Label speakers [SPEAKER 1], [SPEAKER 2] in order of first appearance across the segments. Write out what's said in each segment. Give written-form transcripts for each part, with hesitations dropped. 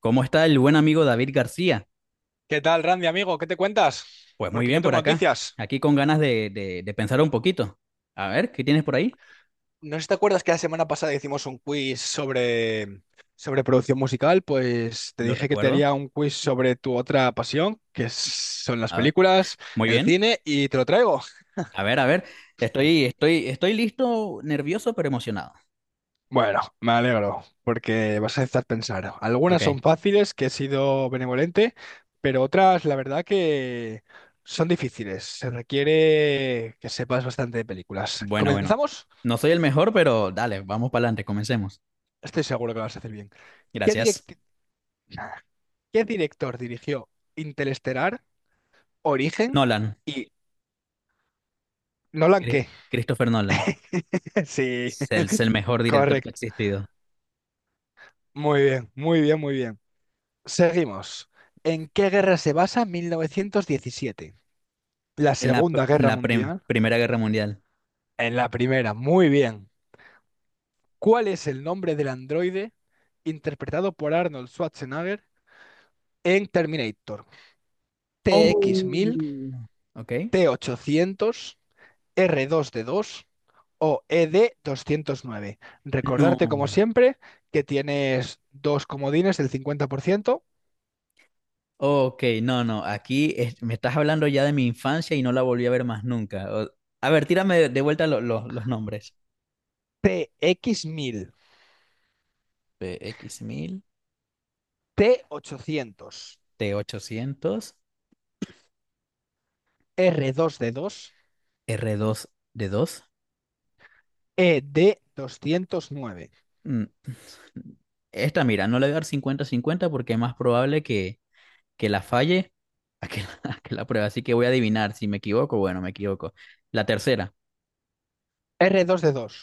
[SPEAKER 1] ¿Cómo está el buen amigo David García?
[SPEAKER 2] ¿Qué tal, Randy, amigo? ¿Qué te cuentas?
[SPEAKER 1] Pues muy
[SPEAKER 2] Porque yo
[SPEAKER 1] bien por
[SPEAKER 2] tengo
[SPEAKER 1] acá,
[SPEAKER 2] noticias.
[SPEAKER 1] aquí con ganas de pensar un poquito. A ver, ¿qué tienes por ahí?
[SPEAKER 2] No sé si te acuerdas que la semana pasada hicimos un quiz sobre producción musical, pues te
[SPEAKER 1] Lo
[SPEAKER 2] dije que te
[SPEAKER 1] recuerdo.
[SPEAKER 2] haría un quiz sobre tu otra pasión, que son las
[SPEAKER 1] A ver,
[SPEAKER 2] películas,
[SPEAKER 1] muy
[SPEAKER 2] el
[SPEAKER 1] bien.
[SPEAKER 2] cine, y te lo traigo.
[SPEAKER 1] A ver, estoy listo, nervioso, pero emocionado.
[SPEAKER 2] Bueno, me alegro, porque vas a estar pensando.
[SPEAKER 1] Ok,
[SPEAKER 2] Algunas son fáciles, que he sido benevolente, pero otras, la verdad que son difíciles. Se requiere que sepas bastante de películas.
[SPEAKER 1] bueno, bueno.
[SPEAKER 2] ¿Comenzamos?
[SPEAKER 1] No soy el mejor, pero dale, vamos para adelante, comencemos.
[SPEAKER 2] Estoy seguro que lo vas a hacer bien. ¿Qué
[SPEAKER 1] Gracias.
[SPEAKER 2] director? ¿Qué director dirigió Interestelar, Origen
[SPEAKER 1] Nolan,
[SPEAKER 2] y Nolan
[SPEAKER 1] Cri-
[SPEAKER 2] qué?
[SPEAKER 1] Christopher Nolan,
[SPEAKER 2] Sí,
[SPEAKER 1] es el mejor director que ha
[SPEAKER 2] correcto.
[SPEAKER 1] existido
[SPEAKER 2] Muy bien, muy bien, muy bien. Seguimos. ¿En qué guerra se basa 1917? La
[SPEAKER 1] en la,
[SPEAKER 2] Segunda
[SPEAKER 1] en
[SPEAKER 2] Guerra
[SPEAKER 1] la prim-
[SPEAKER 2] Mundial.
[SPEAKER 1] Primera Guerra Mundial.
[SPEAKER 2] En la primera, muy bien. ¿Cuál es el nombre del androide interpretado por Arnold Schwarzenegger en Terminator? T X mil,
[SPEAKER 1] Oh, ok.
[SPEAKER 2] T ochocientos. R dos D dos o E D doscientos nueve.
[SPEAKER 1] No.
[SPEAKER 2] Recordarte, como siempre, que tienes dos comodines del 50%.
[SPEAKER 1] Ok, no, no, me estás hablando ya de mi infancia y no la volví a ver más nunca. A ver, tírame de vuelta los nombres.
[SPEAKER 2] T X mil
[SPEAKER 1] P X mil,
[SPEAKER 2] T ochocientos
[SPEAKER 1] t ochocientos,
[SPEAKER 2] R dos D
[SPEAKER 1] r dos d dos.
[SPEAKER 2] E 2 doscientos nueve
[SPEAKER 1] Mm, Esta, mira, no le voy a dar 50/50 porque es más probable que la falle a que a que la pruebe. Así que voy a adivinar. Si me equivoco, bueno, me equivoco. La tercera,
[SPEAKER 2] R dos D dos.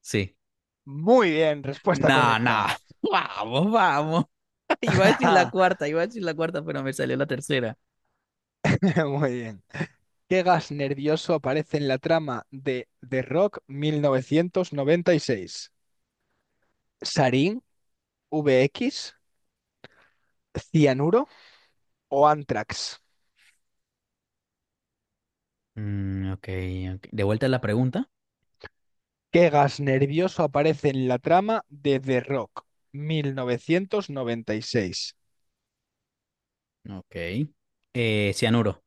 [SPEAKER 1] sí.
[SPEAKER 2] Muy bien, respuesta
[SPEAKER 1] No, no.
[SPEAKER 2] correcta.
[SPEAKER 1] Vamos, vamos. Iba a decir la cuarta, iba a decir la cuarta, pero me salió la tercera.
[SPEAKER 2] Muy bien. ¿Qué gas nervioso aparece en la trama de The Rock 1996? ¿Sarín, V X, cianuro o Anthrax?
[SPEAKER 1] Mm, ok, ok. De vuelta a la pregunta.
[SPEAKER 2] ¿Qué gas nervioso aparece en la trama de The Rock 1996?
[SPEAKER 1] Ok. Cianuro,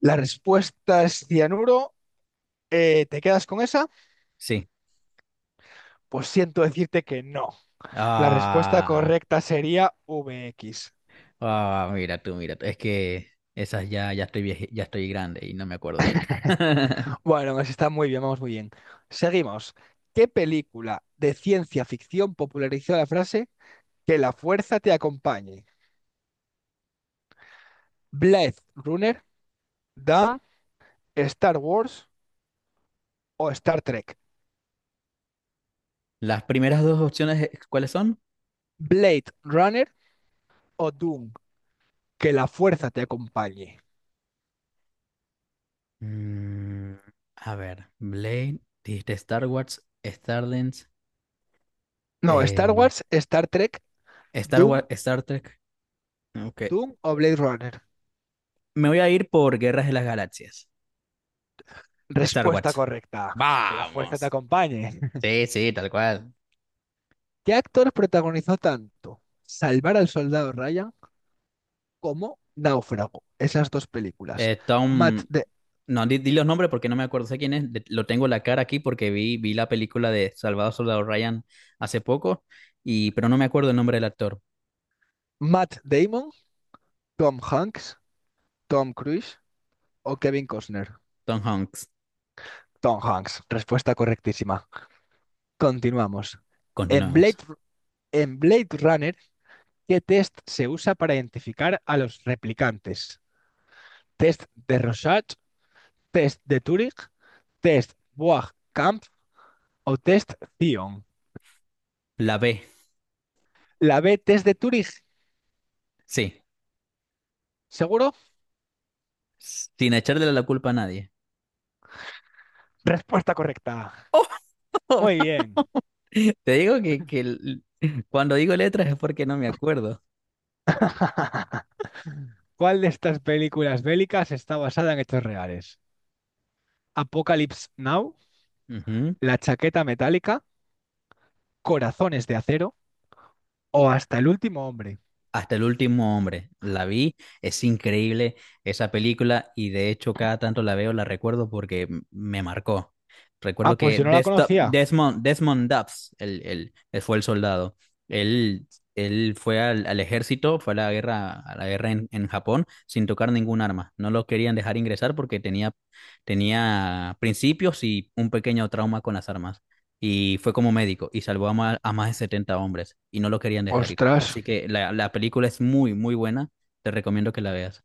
[SPEAKER 2] La respuesta es cianuro. ¿Te quedas con esa?
[SPEAKER 1] sí.
[SPEAKER 2] Pues siento decirte que no. La respuesta
[SPEAKER 1] Ah,
[SPEAKER 2] correcta sería VX.
[SPEAKER 1] ah, mira tú, mira tú. Es que esas ya estoy grande y no me acuerdo bien.
[SPEAKER 2] Bueno, aún así está muy bien, vamos muy bien. Seguimos. ¿Qué película de ciencia ficción popularizó la frase que la fuerza te acompañe? ¿Blade Runner, Dan, Star Wars o Star Trek?
[SPEAKER 1] Las primeras dos opciones, ¿cuáles son?
[SPEAKER 2] Blade Runner, o Doom, que la fuerza te acompañe.
[SPEAKER 1] Mm, a ver, Blade, dijiste Star Wars, Stardance,
[SPEAKER 2] No, Star
[SPEAKER 1] eh,
[SPEAKER 2] Wars, Star Trek,
[SPEAKER 1] Star Wars,
[SPEAKER 2] Doom,
[SPEAKER 1] Star Trek. Ok.
[SPEAKER 2] Doom o Blade Runner.
[SPEAKER 1] Me voy a ir por Guerras de las Galaxias. Star
[SPEAKER 2] Respuesta
[SPEAKER 1] Wars.
[SPEAKER 2] correcta. Que la fuerza te
[SPEAKER 1] Vamos.
[SPEAKER 2] acompañe.
[SPEAKER 1] Sí, sí, tal cual.
[SPEAKER 2] ¿Qué actor protagonizó tanto Salvar al Soldado Ryan como Náufrago? Esas dos películas. Matt,
[SPEAKER 1] Tom,
[SPEAKER 2] Da-
[SPEAKER 1] no, di los nombres porque no me acuerdo, sé quién es, lo tengo la cara aquí porque vi la película de Salvador Soldado Ryan hace poco, pero no me acuerdo el nombre del actor,
[SPEAKER 2] Matt Damon, Tom Hanks, Tom Cruise o Kevin Costner.
[SPEAKER 1] Tom Hanks.
[SPEAKER 2] Tom Hanks. Respuesta correctísima. Continuamos. En Blade,
[SPEAKER 1] Continuemos.
[SPEAKER 2] en Blade Runner, ¿qué test se usa para identificar a los replicantes? ¿Test de Rorschach, test de Turing, test Bois-Kampf o test Zion?
[SPEAKER 1] La B,
[SPEAKER 2] La B, test de Turing.
[SPEAKER 1] sí,
[SPEAKER 2] ¿Seguro?
[SPEAKER 1] sin echarle la culpa a nadie.
[SPEAKER 2] Respuesta correcta. Muy bien.
[SPEAKER 1] Te digo que cuando digo letras es porque no me acuerdo.
[SPEAKER 2] ¿Cuál de estas películas bélicas está basada en hechos reales? ¿Apocalypse Now,
[SPEAKER 1] Ujú.
[SPEAKER 2] La chaqueta metálica, Corazones de acero o Hasta el último hombre?
[SPEAKER 1] Hasta el último hombre. La vi, es increíble esa película y de hecho cada tanto la veo, la recuerdo porque me marcó.
[SPEAKER 2] Ah,
[SPEAKER 1] Recuerdo
[SPEAKER 2] pues
[SPEAKER 1] que
[SPEAKER 2] yo no la conocía.
[SPEAKER 1] Desmond Dobbs, él fue el soldado. Él, él fue al ejército, fue a la guerra en Japón sin tocar ningún arma. No lo querían dejar ingresar porque tenía principios y un pequeño trauma con las armas y fue como médico y salvó a más de 70 hombres y no lo querían dejar ir.
[SPEAKER 2] Ostras.
[SPEAKER 1] Así que la película es muy, muy buena. Te recomiendo que la veas.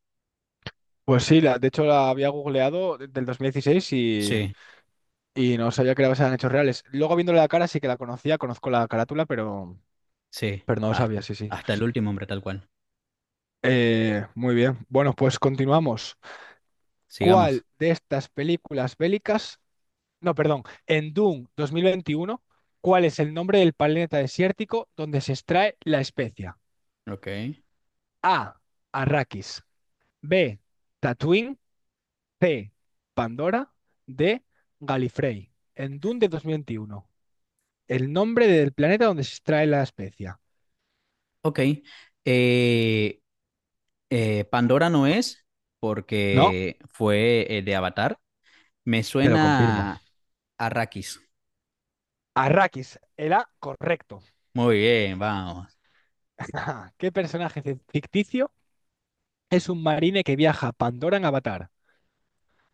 [SPEAKER 2] Pues sí, la, de hecho la había googleado del 2016
[SPEAKER 1] Sí,
[SPEAKER 2] y no sabía que eran hechos reales. Luego viéndole la cara sí que la conocía, conozco la carátula, pero,
[SPEAKER 1] sí.
[SPEAKER 2] pero no lo
[SPEAKER 1] Has-
[SPEAKER 2] sabía, sí, sí.
[SPEAKER 1] Hasta, el último hombre, tal cual.
[SPEAKER 2] Muy bien, bueno, pues continuamos.
[SPEAKER 1] Sigamos.
[SPEAKER 2] ¿Cuál de estas películas bélicas, no, perdón, en Doom 2021, cuál es el nombre del planeta desértico donde se extrae la especia?
[SPEAKER 1] Ok.
[SPEAKER 2] A, Arrakis, B, Tatooine, C, Pandora, D, Galifrey. En Dune de 2021, el nombre del planeta donde se extrae la especia.
[SPEAKER 1] Ok. Eh, Pandora no es
[SPEAKER 2] No,
[SPEAKER 1] porque fue de Avatar. Me
[SPEAKER 2] te lo confirmo.
[SPEAKER 1] suena a Arrakis.
[SPEAKER 2] Arrakis, el A correcto.
[SPEAKER 1] Muy bien, vamos.
[SPEAKER 2] ¿Qué personaje ficticio es un marine que viaja a Pandora en Avatar?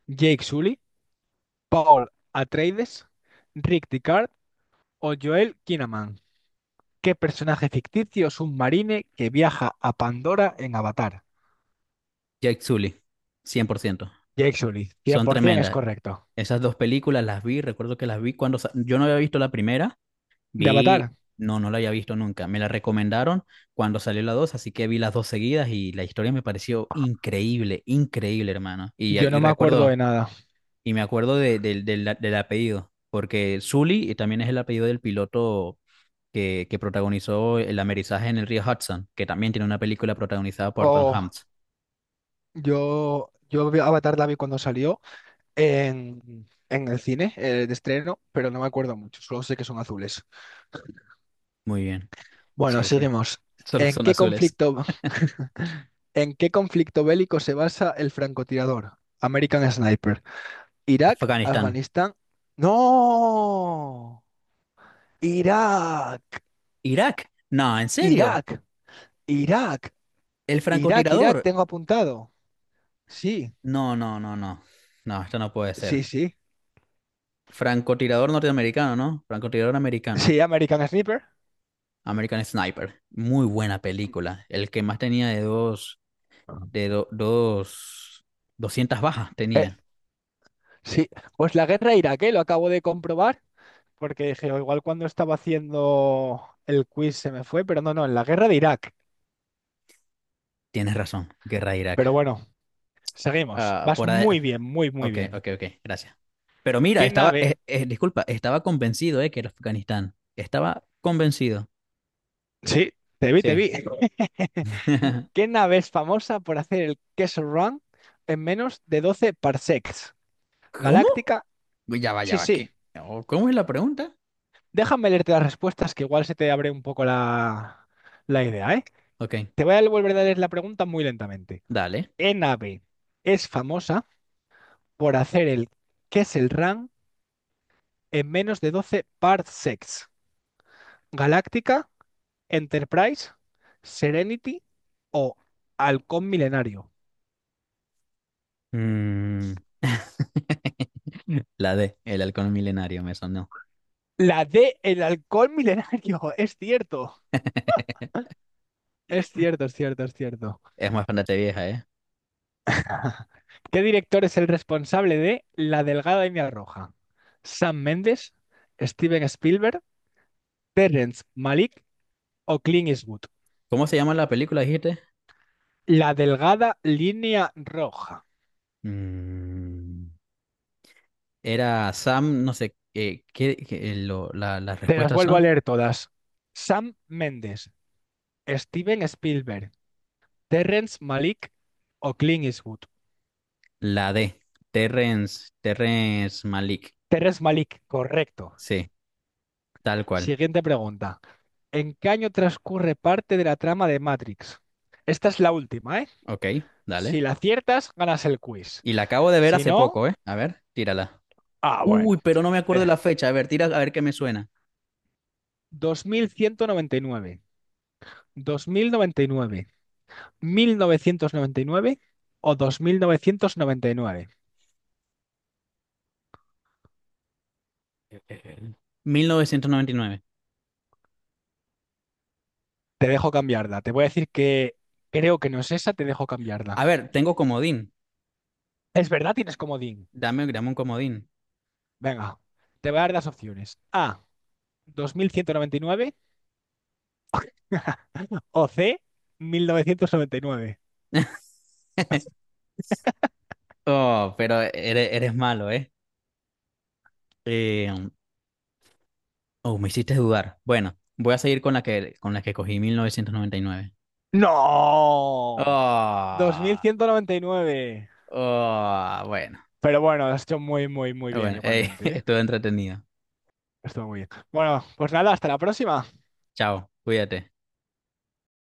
[SPEAKER 2] ¿Jake Sully, Paul Atreides, Rick Deckard o Joel Kinnaman? ¿Qué personaje ficticio es un marine que viaja a Pandora en Avatar?
[SPEAKER 1] Jake Sully, 100%
[SPEAKER 2] Jake Sully,
[SPEAKER 1] Son
[SPEAKER 2] 100% es
[SPEAKER 1] tremendas.
[SPEAKER 2] correcto.
[SPEAKER 1] Esas dos películas las vi, recuerdo que las vi cuando sa- yo no había visto la primera
[SPEAKER 2] ¿De
[SPEAKER 1] Vi,
[SPEAKER 2] Avatar?
[SPEAKER 1] no, no la había visto nunca. Me la recomendaron cuando salió la 2 así que vi las dos seguidas y la historia me pareció increíble, increíble, hermano.
[SPEAKER 2] Yo no
[SPEAKER 1] Y
[SPEAKER 2] me acuerdo de
[SPEAKER 1] recuerdo,
[SPEAKER 2] nada.
[SPEAKER 1] y me acuerdo de, del del- del apellido, porque Sully y también es el apellido del piloto que protagonizó el amerizaje en el río Hudson, que también tiene una película protagonizada por Tom
[SPEAKER 2] Oh,
[SPEAKER 1] Hanks.
[SPEAKER 2] Avatar la vi cuando salió en el cine de estreno, pero no me acuerdo mucho, solo sé que son azules.
[SPEAKER 1] Muy bien,
[SPEAKER 2] Bueno,
[SPEAKER 1] sí, sí.
[SPEAKER 2] seguimos.
[SPEAKER 1] Solo
[SPEAKER 2] ¿En
[SPEAKER 1] son
[SPEAKER 2] qué
[SPEAKER 1] azules.
[SPEAKER 2] conflicto, ¿en qué conflicto bélico se basa el francotirador? American Sniper. ¿Irak,
[SPEAKER 1] Afganistán.
[SPEAKER 2] Afganistán? ¡No! Irak,
[SPEAKER 1] Irak. No, ¿en serio?
[SPEAKER 2] Irak, Irak,
[SPEAKER 1] ¿El
[SPEAKER 2] Irak, Irak,
[SPEAKER 1] francotirador?
[SPEAKER 2] tengo apuntado. Sí,
[SPEAKER 1] No, no, no, no. No, esto no puede
[SPEAKER 2] sí,
[SPEAKER 1] ser.
[SPEAKER 2] sí.
[SPEAKER 1] Francotirador norteamericano, ¿no? Francotirador americano.
[SPEAKER 2] Sí, American Sniper.
[SPEAKER 1] American Sniper. Muy buena película. El que más tenía de dos, de do- dos, 200 bajas
[SPEAKER 2] Eh,
[SPEAKER 1] tenía.
[SPEAKER 2] sí, pues la guerra iraquí, lo acabo de comprobar. Porque dije, "O igual cuando estaba haciendo el quiz se me fue, pero no, no, en la guerra de Irak".
[SPEAKER 1] Tienes razón, Guerra de
[SPEAKER 2] Pero
[SPEAKER 1] Irak.
[SPEAKER 2] bueno, seguimos.
[SPEAKER 1] Ah,
[SPEAKER 2] Vas
[SPEAKER 1] por ahí.
[SPEAKER 2] muy bien, muy, muy
[SPEAKER 1] Ok,
[SPEAKER 2] bien.
[SPEAKER 1] ok, ok, gracias. Pero mira,
[SPEAKER 2] ¿Qué
[SPEAKER 1] estaba,
[SPEAKER 2] nave?
[SPEAKER 1] disculpa, estaba convencido de que era Afganistán. Estaba convencido.
[SPEAKER 2] Sí, te vi, te
[SPEAKER 1] Sí.
[SPEAKER 2] vi. ¿Qué nave es famosa por hacer el Kessel Run en menos de 12 parsecs?
[SPEAKER 1] ¿Cómo?
[SPEAKER 2] ¿Galáctica?
[SPEAKER 1] Ya va, ya
[SPEAKER 2] Sí,
[SPEAKER 1] va.
[SPEAKER 2] sí.
[SPEAKER 1] ¿Qué? Oh, ¿cómo es la pregunta?
[SPEAKER 2] Déjame leerte las respuestas que igual se te abre un poco la idea, ¿eh?
[SPEAKER 1] Ok,
[SPEAKER 2] Te voy a volver a leer la pregunta muy lentamente.
[SPEAKER 1] dale.
[SPEAKER 2] ¿Qué nave es famosa por hacer el Kessel Run en menos de 12 parsecs? Galáctica, Enterprise, Serenity o Halcón Milenario.
[SPEAKER 1] Mm, la de El Halcón Milenario me sonó.
[SPEAKER 2] La D, el Halcón Milenario, es cierto. Es cierto, es cierto, es cierto.
[SPEAKER 1] Es bastante vieja, ¿eh?
[SPEAKER 2] ¿Qué director es el responsable de La Delgada Línea Roja? ¿Sam Mendes, Steven Spielberg, Terrence Malick o Clint Eastwood?
[SPEAKER 1] ¿Cómo se llama la película, dijiste?
[SPEAKER 2] La Delgada Línea Roja.
[SPEAKER 1] Mm, era Sam, no sé, las
[SPEAKER 2] Te las
[SPEAKER 1] respuestas
[SPEAKER 2] vuelvo
[SPEAKER 1] son?
[SPEAKER 2] a leer todas. Sam Mendes, Steven Spielberg, Terrence Malick o Clint Eastwood.
[SPEAKER 1] La D, Terrence Malik.
[SPEAKER 2] Terrence Malick, correcto.
[SPEAKER 1] Sí, tal cual.
[SPEAKER 2] Siguiente pregunta. ¿En qué año transcurre parte de la trama de Matrix? Esta es la última, ¿eh?
[SPEAKER 1] Ok, dale.
[SPEAKER 2] Si la aciertas, ganas el quiz.
[SPEAKER 1] Y la acabo de ver
[SPEAKER 2] Si
[SPEAKER 1] hace
[SPEAKER 2] no,
[SPEAKER 1] poco, ¿eh? A ver, tírala.
[SPEAKER 2] ah, bueno.
[SPEAKER 1] Uy, pero no me acuerdo
[SPEAKER 2] Eh,
[SPEAKER 1] de la fecha. A ver, tira, a ver qué me suena.
[SPEAKER 2] 2199, 2099, 1999 o 2999.
[SPEAKER 1] 1999.
[SPEAKER 2] Te dejo cambiarla. Te voy a decir que creo que no es esa, te dejo cambiarla.
[SPEAKER 1] A ver, tengo comodín.
[SPEAKER 2] Es verdad, tienes comodín.
[SPEAKER 1] Dame un comodín.
[SPEAKER 2] Venga, te voy a dar las opciones. A, 2199, o C, 1999.
[SPEAKER 1] Oh, pero eres malo, ¿eh? Eh, Oh, me hiciste dudar. Bueno, voy a seguir con la que, cogí 1999.
[SPEAKER 2] No, dos mil
[SPEAKER 1] Oh,
[SPEAKER 2] ciento noventa y nueve.
[SPEAKER 1] oh, bueno,
[SPEAKER 2] Pero bueno, lo has hecho muy, muy, muy bien
[SPEAKER 1] bueno,
[SPEAKER 2] igualmente, ¿eh?
[SPEAKER 1] estuvo entretenido.
[SPEAKER 2] Estuvo muy bien. Bueno, pues nada, hasta la próxima.
[SPEAKER 1] Chao, cuídate.